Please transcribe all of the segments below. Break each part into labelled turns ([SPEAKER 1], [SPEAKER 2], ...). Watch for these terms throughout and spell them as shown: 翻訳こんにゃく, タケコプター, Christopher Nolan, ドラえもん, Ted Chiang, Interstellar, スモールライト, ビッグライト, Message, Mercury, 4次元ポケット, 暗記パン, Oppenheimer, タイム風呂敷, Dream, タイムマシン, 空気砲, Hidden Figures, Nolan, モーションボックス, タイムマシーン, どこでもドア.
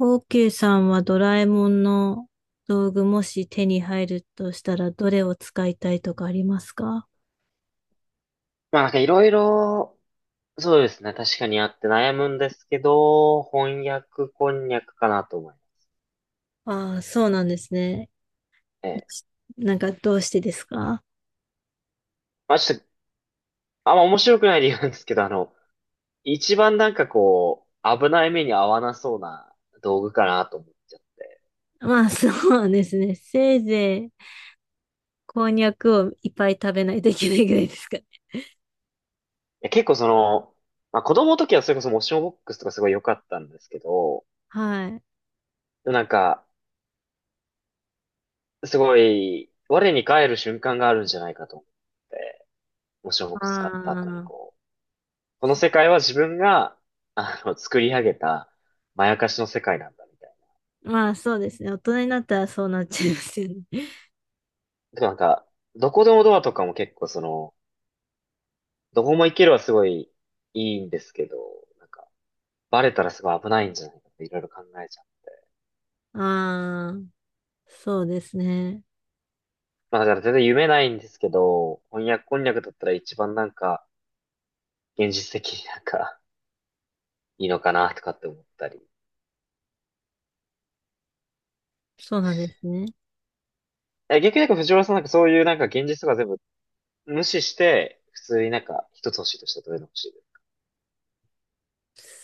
[SPEAKER 1] オーケーさんはドラえもんの道具、もし手に入るとしたらどれを使いたいとかありますか？
[SPEAKER 2] まあいろいろ、そうですね。確かにあって悩むんですけど、翻訳こんにゃくかなと思います
[SPEAKER 1] ああ、そうなんですね。
[SPEAKER 2] ね。
[SPEAKER 1] なんかどうしてですか？
[SPEAKER 2] まあちょっと、あんま面白くない理由なんですけど、一番こう、危ない目に遭わなそうな道具かなと思っちゃって。
[SPEAKER 1] まあそうですね。せいぜいこんにゃくをいっぱい食べないといけないぐらいですかね。
[SPEAKER 2] いや結構その、まあ子供の時はそれこそモーションボックスとかすごい良かったんですけど、
[SPEAKER 1] はい。
[SPEAKER 2] でもなんか、すごい、我に返る瞬間があるんじゃないかと思って、モーションボッ
[SPEAKER 1] あ
[SPEAKER 2] クス使った後に
[SPEAKER 1] あ、
[SPEAKER 2] こう、この
[SPEAKER 1] そ
[SPEAKER 2] 世界は自分が、作り上げた、まやかしの世界なんだ、みたいな。
[SPEAKER 1] まあそうですね。大人になったらそうなっちゃいますよね。
[SPEAKER 2] でもなんか、どこでもドアとかも結構その、どこも行けるはすごいいいんですけど、なんか、バレたらすごい危ないんじゃないかっていろいろ考えちゃう。
[SPEAKER 1] ああ、そうですね。
[SPEAKER 2] まあだから全然夢ないんですけど、翻訳こんにゃくだったら一番、現実的に、いいのかなとかって思ったり。
[SPEAKER 1] そうなんですね。
[SPEAKER 2] え、逆に藤原さんそういう現実とか全部無視して、普通に一つ欲しいとしたらどれが欲しいですか？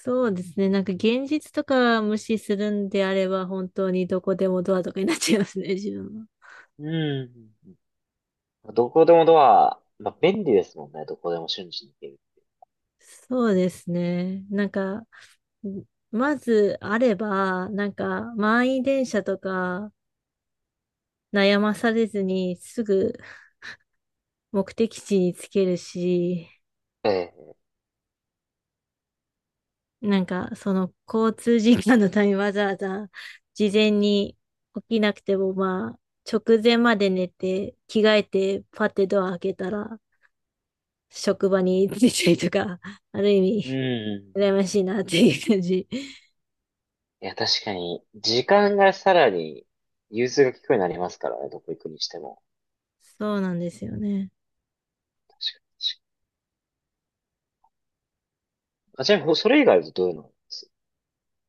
[SPEAKER 1] そうですね。なんか現実とか無視するんであれば、本当にどこでもドアとかになっちゃいますね、自分は。
[SPEAKER 2] うん。どこでもドア、まあ、便利ですもんね。どこでも瞬時に行ける。
[SPEAKER 1] そうですね。なんか、んまずあれば、なんか満員電車とか悩まされずにすぐ目的地につけるし、
[SPEAKER 2] ええ。
[SPEAKER 1] なんかその交通時間のためにわざわざ事前に起きなくても、まあ、直前まで寝て着替えてパッてドア開けたら、職場についたりとか、ある意味、
[SPEAKER 2] うん。
[SPEAKER 1] 羨ましいなっていう感じ。
[SPEAKER 2] いや、確かに、時間がさらに、融通が利くようになりますからね。どこ行くにしても。
[SPEAKER 1] そうなんですよね。
[SPEAKER 2] 確かに。確かにあ、ちなみに、ほそれ以外だとどういうのがあります？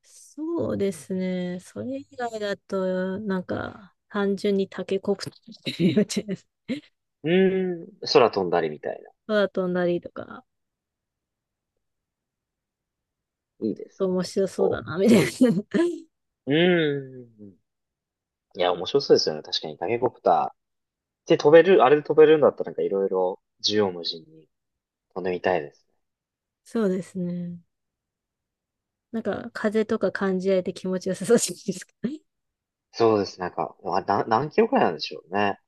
[SPEAKER 1] そうですね。それ以外だと、なんか、単純にタケコプターって言っちゃいます。
[SPEAKER 2] うーん。空飛んだりみたいな。
[SPEAKER 1] 空飛んだりとか、
[SPEAKER 2] いいですね。
[SPEAKER 1] 面
[SPEAKER 2] 結
[SPEAKER 1] 白そうだ
[SPEAKER 2] 構。
[SPEAKER 1] な、みたいな。
[SPEAKER 2] うーん。いや、面白そうですよね。確かに、タケコプター。で、飛べる、あれで飛べるんだったら、いろいろ、縦横無尽に飛んでみたいですね。
[SPEAKER 1] そうですね。なんか、風とか感じられて気持ちよさそうじゃないですか。
[SPEAKER 2] そうです。なんか、まあな、何キロくらいなんでしょうね。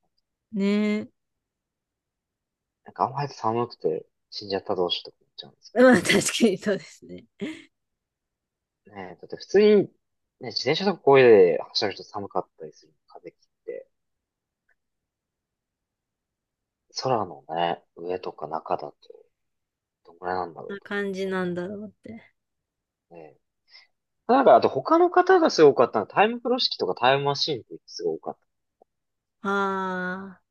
[SPEAKER 1] ね
[SPEAKER 2] なんかあんまり寒くて死んじゃったらどうしようとか思っちゃうんですけ
[SPEAKER 1] え。まあ、確かにそうですね。
[SPEAKER 2] ど。ねえ、だって普通に、ね、自転車とかこういうで走ると寒かったりする風切って、空のね、上とか中だとどんぐらいなんだろ
[SPEAKER 1] こん
[SPEAKER 2] う
[SPEAKER 1] な
[SPEAKER 2] と思
[SPEAKER 1] 感じ
[SPEAKER 2] っ
[SPEAKER 1] な
[SPEAKER 2] た
[SPEAKER 1] ん
[SPEAKER 2] り
[SPEAKER 1] だ
[SPEAKER 2] と
[SPEAKER 1] ろうって。
[SPEAKER 2] かね。なんかあと他の方がすごかったのはタイム風呂敷とかタイムマシーンってすごい多かっ
[SPEAKER 1] ああ。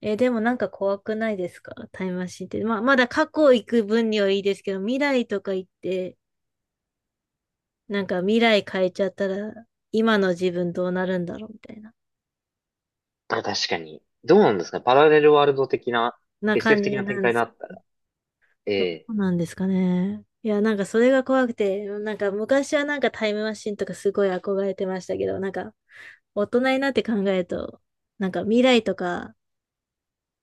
[SPEAKER 1] え、でもなんか怖くないですかタイムマシンって。まあ、まだ過去行く分にはいいですけど、未来とか行って、なんか未来変えちゃったら、今の自分どうなるんだろうみたいな、
[SPEAKER 2] た。だから確かに、どうなんですかね、パラレルワールド的な、
[SPEAKER 1] な感
[SPEAKER 2] SF
[SPEAKER 1] じ
[SPEAKER 2] 的な
[SPEAKER 1] な
[SPEAKER 2] 展
[SPEAKER 1] んで
[SPEAKER 2] 開に
[SPEAKER 1] す
[SPEAKER 2] な
[SPEAKER 1] け
[SPEAKER 2] ったら。え
[SPEAKER 1] ど、ど
[SPEAKER 2] え。
[SPEAKER 1] うなんですかね。いや、なんかそれが怖くて、なんか昔はなんかタイムマシンとかすごい憧れてましたけど、なんか大人になって考えると、なんか未来とか、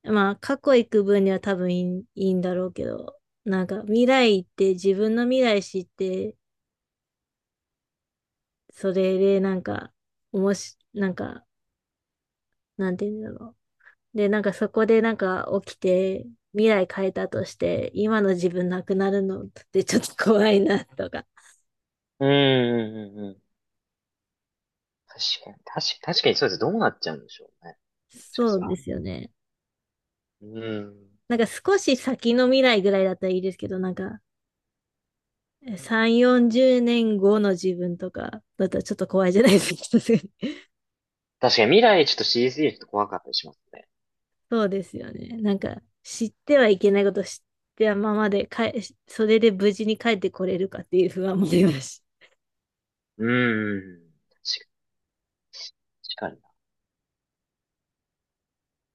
[SPEAKER 1] まあ過去行く分には多分いいんだろうけど、なんか未来行って自分の未来知って、それでなんか、おもし、なんか、なんて言うんだろう。で、なんかそこでなんか起きて、未来変えたとして、今の自分なくなるのってちょっと怖いなとか。
[SPEAKER 2] うん、うん、うん、うん。確かに、確かに、確かにそうです。どうなっちゃうんでしょうね。確かに
[SPEAKER 1] そ
[SPEAKER 2] そ
[SPEAKER 1] うで
[SPEAKER 2] ら。
[SPEAKER 1] すよね。
[SPEAKER 2] うん。
[SPEAKER 1] なんか少し先の未来ぐらいだったらいいですけど、なんか、3、40年後の自分とかだったらちょっと怖いじゃないですか。
[SPEAKER 2] 確かに未来ちょっと CG ちょっと怖かったりしますね。
[SPEAKER 1] そうですよね。なんか、知ってはいけないこと知ってはままで、かえ、それで無事に帰ってこれるかっていう不安もありますし、
[SPEAKER 2] うーん。確かにか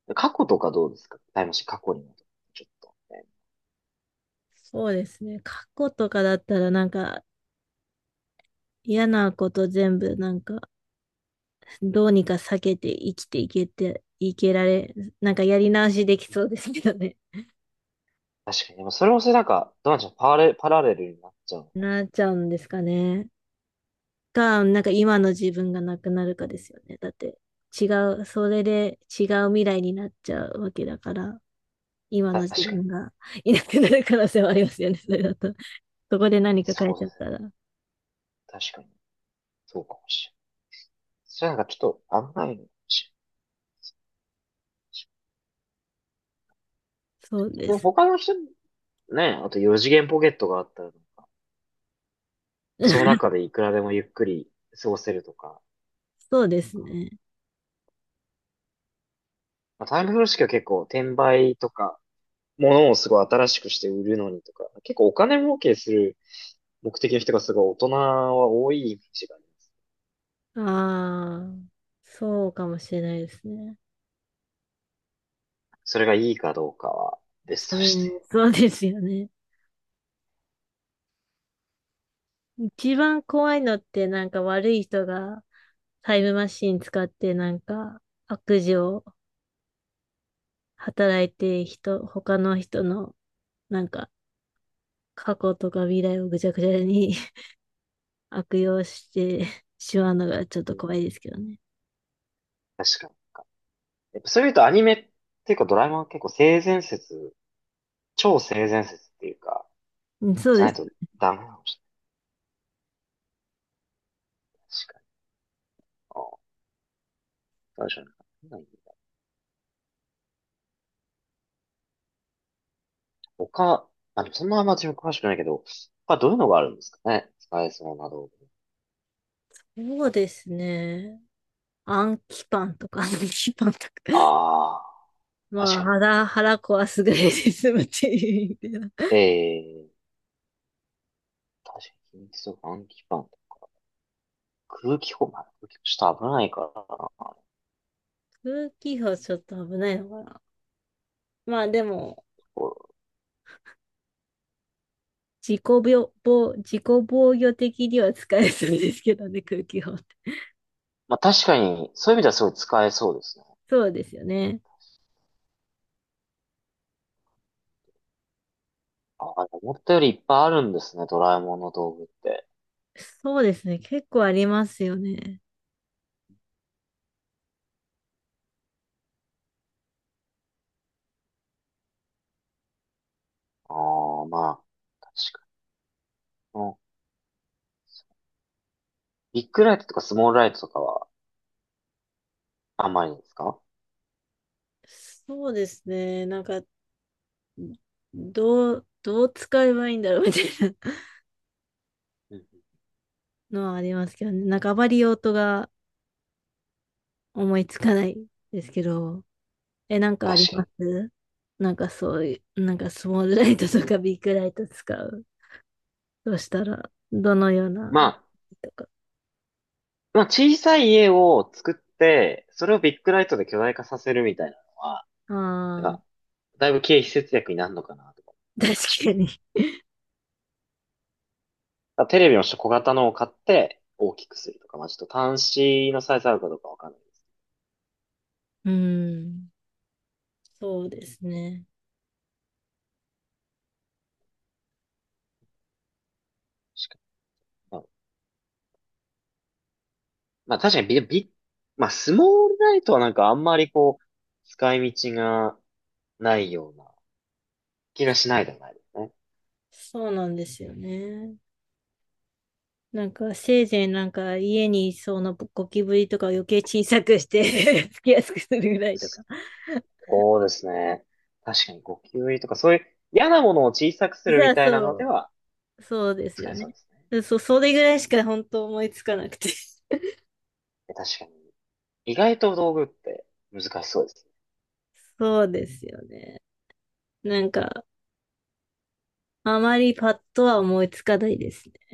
[SPEAKER 2] な。過去とかどうですかタイムマシン過去に戻ってちょっと、ね。
[SPEAKER 1] そうですね。過去とかだったらなんか嫌なこと全部なんかどうにか避けて生きていけて、いけられ、なんかやり直しできそうですけどね。
[SPEAKER 2] 確かに。でもそれもそれなんか、どうなんでしょう。パラレ、パラレルになっちゃう の
[SPEAKER 1] なっちゃうんですかね。か、なんか今の自分がなくなるかですよね。だって違それで違う未来になっちゃうわけだから、今の
[SPEAKER 2] か。
[SPEAKER 1] 自
[SPEAKER 2] 確かに。
[SPEAKER 1] 分がいなくなる可能性はありますよね。それだと。そこで何か変
[SPEAKER 2] そ
[SPEAKER 1] え
[SPEAKER 2] う
[SPEAKER 1] ち
[SPEAKER 2] で
[SPEAKER 1] ゃっ
[SPEAKER 2] す
[SPEAKER 1] た
[SPEAKER 2] ね。
[SPEAKER 1] ら。
[SPEAKER 2] 確かに。そうかもしれない。それなんかちょっと危ないのかもしれない。
[SPEAKER 1] そうで
[SPEAKER 2] でも
[SPEAKER 1] す。
[SPEAKER 2] 他の人、ね、あと四次元ポケットがあったら、その中 でいくらでもゆっくり過ごせるとか。
[SPEAKER 1] そうですね。
[SPEAKER 2] まあ、タイム風呂式は結構転売とか、物をすごい新しくして売るのにとか、結構お金儲けする目的の人がすごい大人は多いイメージがある。
[SPEAKER 1] ああ、そうかもしれないですね。
[SPEAKER 2] それがいいかどうかは別
[SPEAKER 1] そ
[SPEAKER 2] と
[SPEAKER 1] れ、
[SPEAKER 2] して。
[SPEAKER 1] そうですよね。一番怖いのってなんか悪い人がタイムマシン使ってなんか悪事を働いて人、他の人のなんか過去とか未来をぐちゃぐちゃに 悪用してしまうのがちょっ
[SPEAKER 2] う
[SPEAKER 1] と
[SPEAKER 2] ん。
[SPEAKER 1] 怖いですけどね。
[SPEAKER 2] 確かに。やっぱそういうとアニメっていうかドラえもんは結構性善説、超性善説っていうか、
[SPEAKER 1] うん、そう
[SPEAKER 2] じゃ
[SPEAKER 1] で
[SPEAKER 2] ないと
[SPEAKER 1] す。
[SPEAKER 2] ダメなのかもしれない確かに。ああ、確かに。なんだ他、まあ、でもそんなあんま自分詳しくないけど、他どういうのがあるんですかね使えそうな道具。
[SPEAKER 1] そうですね。暗記パンとか、暗記パンとか。
[SPEAKER 2] ああ、
[SPEAKER 1] ま
[SPEAKER 2] 確
[SPEAKER 1] あ、
[SPEAKER 2] かに。
[SPEAKER 1] 腹壊すぐらいで済むっていう意味では、
[SPEAKER 2] ええ確かに。秘密とか暗記パン。空気砲、まあ、空気砲ちょっと危ないからな。
[SPEAKER 1] 風紀法ちょっと危ないのかな。まあでも、自己自己防御的には使えそうですけどね、空気法って。
[SPEAKER 2] まあ確かに、そういう意味ではすごい使えそうですね。
[SPEAKER 1] そうですよね。
[SPEAKER 2] あ、思ったよりいっぱいあるんですね、ドラえもんの道具って。
[SPEAKER 1] そうですね。結構ありますよね。
[SPEAKER 2] ああ、まあ、確かに。うんビッグライトとかスモールライトとかはあんまりですか？
[SPEAKER 1] そうですね。なんか、どう使えばいいんだろうみたいな
[SPEAKER 2] うんうん。
[SPEAKER 1] のはありますけどね。なんかあまり用途が思いつかないですけど。え、なんかあり
[SPEAKER 2] 確か
[SPEAKER 1] ま
[SPEAKER 2] に。
[SPEAKER 1] すなんかそういう、なんかスモールライトとかビッグライト使う。どうしたら、どのような、
[SPEAKER 2] まあ、
[SPEAKER 1] とか。
[SPEAKER 2] まあ小さい家を作って、それをビッグライトで巨大化させるみたいなのは、なん
[SPEAKER 1] ああ、
[SPEAKER 2] か、だいぶ経費節約になるのかなとか思ったり
[SPEAKER 1] 確
[SPEAKER 2] しま
[SPEAKER 1] か
[SPEAKER 2] す。
[SPEAKER 1] に。
[SPEAKER 2] だからテレビの小型のを買って大きくするとか、まあちょっと端子のサイズあるかどうかわかんないです。
[SPEAKER 1] うん。そうですね。
[SPEAKER 2] 確かにまあ確かにまあスモールライトはなんかあんまりこう、使い道がないような気がしないでもないですね。
[SPEAKER 1] そうなんですよね。なんか、せいぜいなんか家にいそうなゴキブリとかを余計小さくして つきやすくするぐらいとか。
[SPEAKER 2] そうですね。確かにゴキブリとかそういう嫌なものを小さくする
[SPEAKER 1] さ
[SPEAKER 2] み
[SPEAKER 1] あ、
[SPEAKER 2] たいな
[SPEAKER 1] そ
[SPEAKER 2] ので
[SPEAKER 1] う。
[SPEAKER 2] は
[SPEAKER 1] そうです
[SPEAKER 2] 使え
[SPEAKER 1] よ
[SPEAKER 2] そ
[SPEAKER 1] ね。
[SPEAKER 2] うですね。
[SPEAKER 1] そう、それぐ
[SPEAKER 2] え
[SPEAKER 1] らいしか本当思いつかなくて。
[SPEAKER 2] え確かに。意外と道具って難しそうです
[SPEAKER 1] そうですよね。なんか、あまりパッとは思いつかないですね。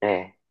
[SPEAKER 2] ね。ええ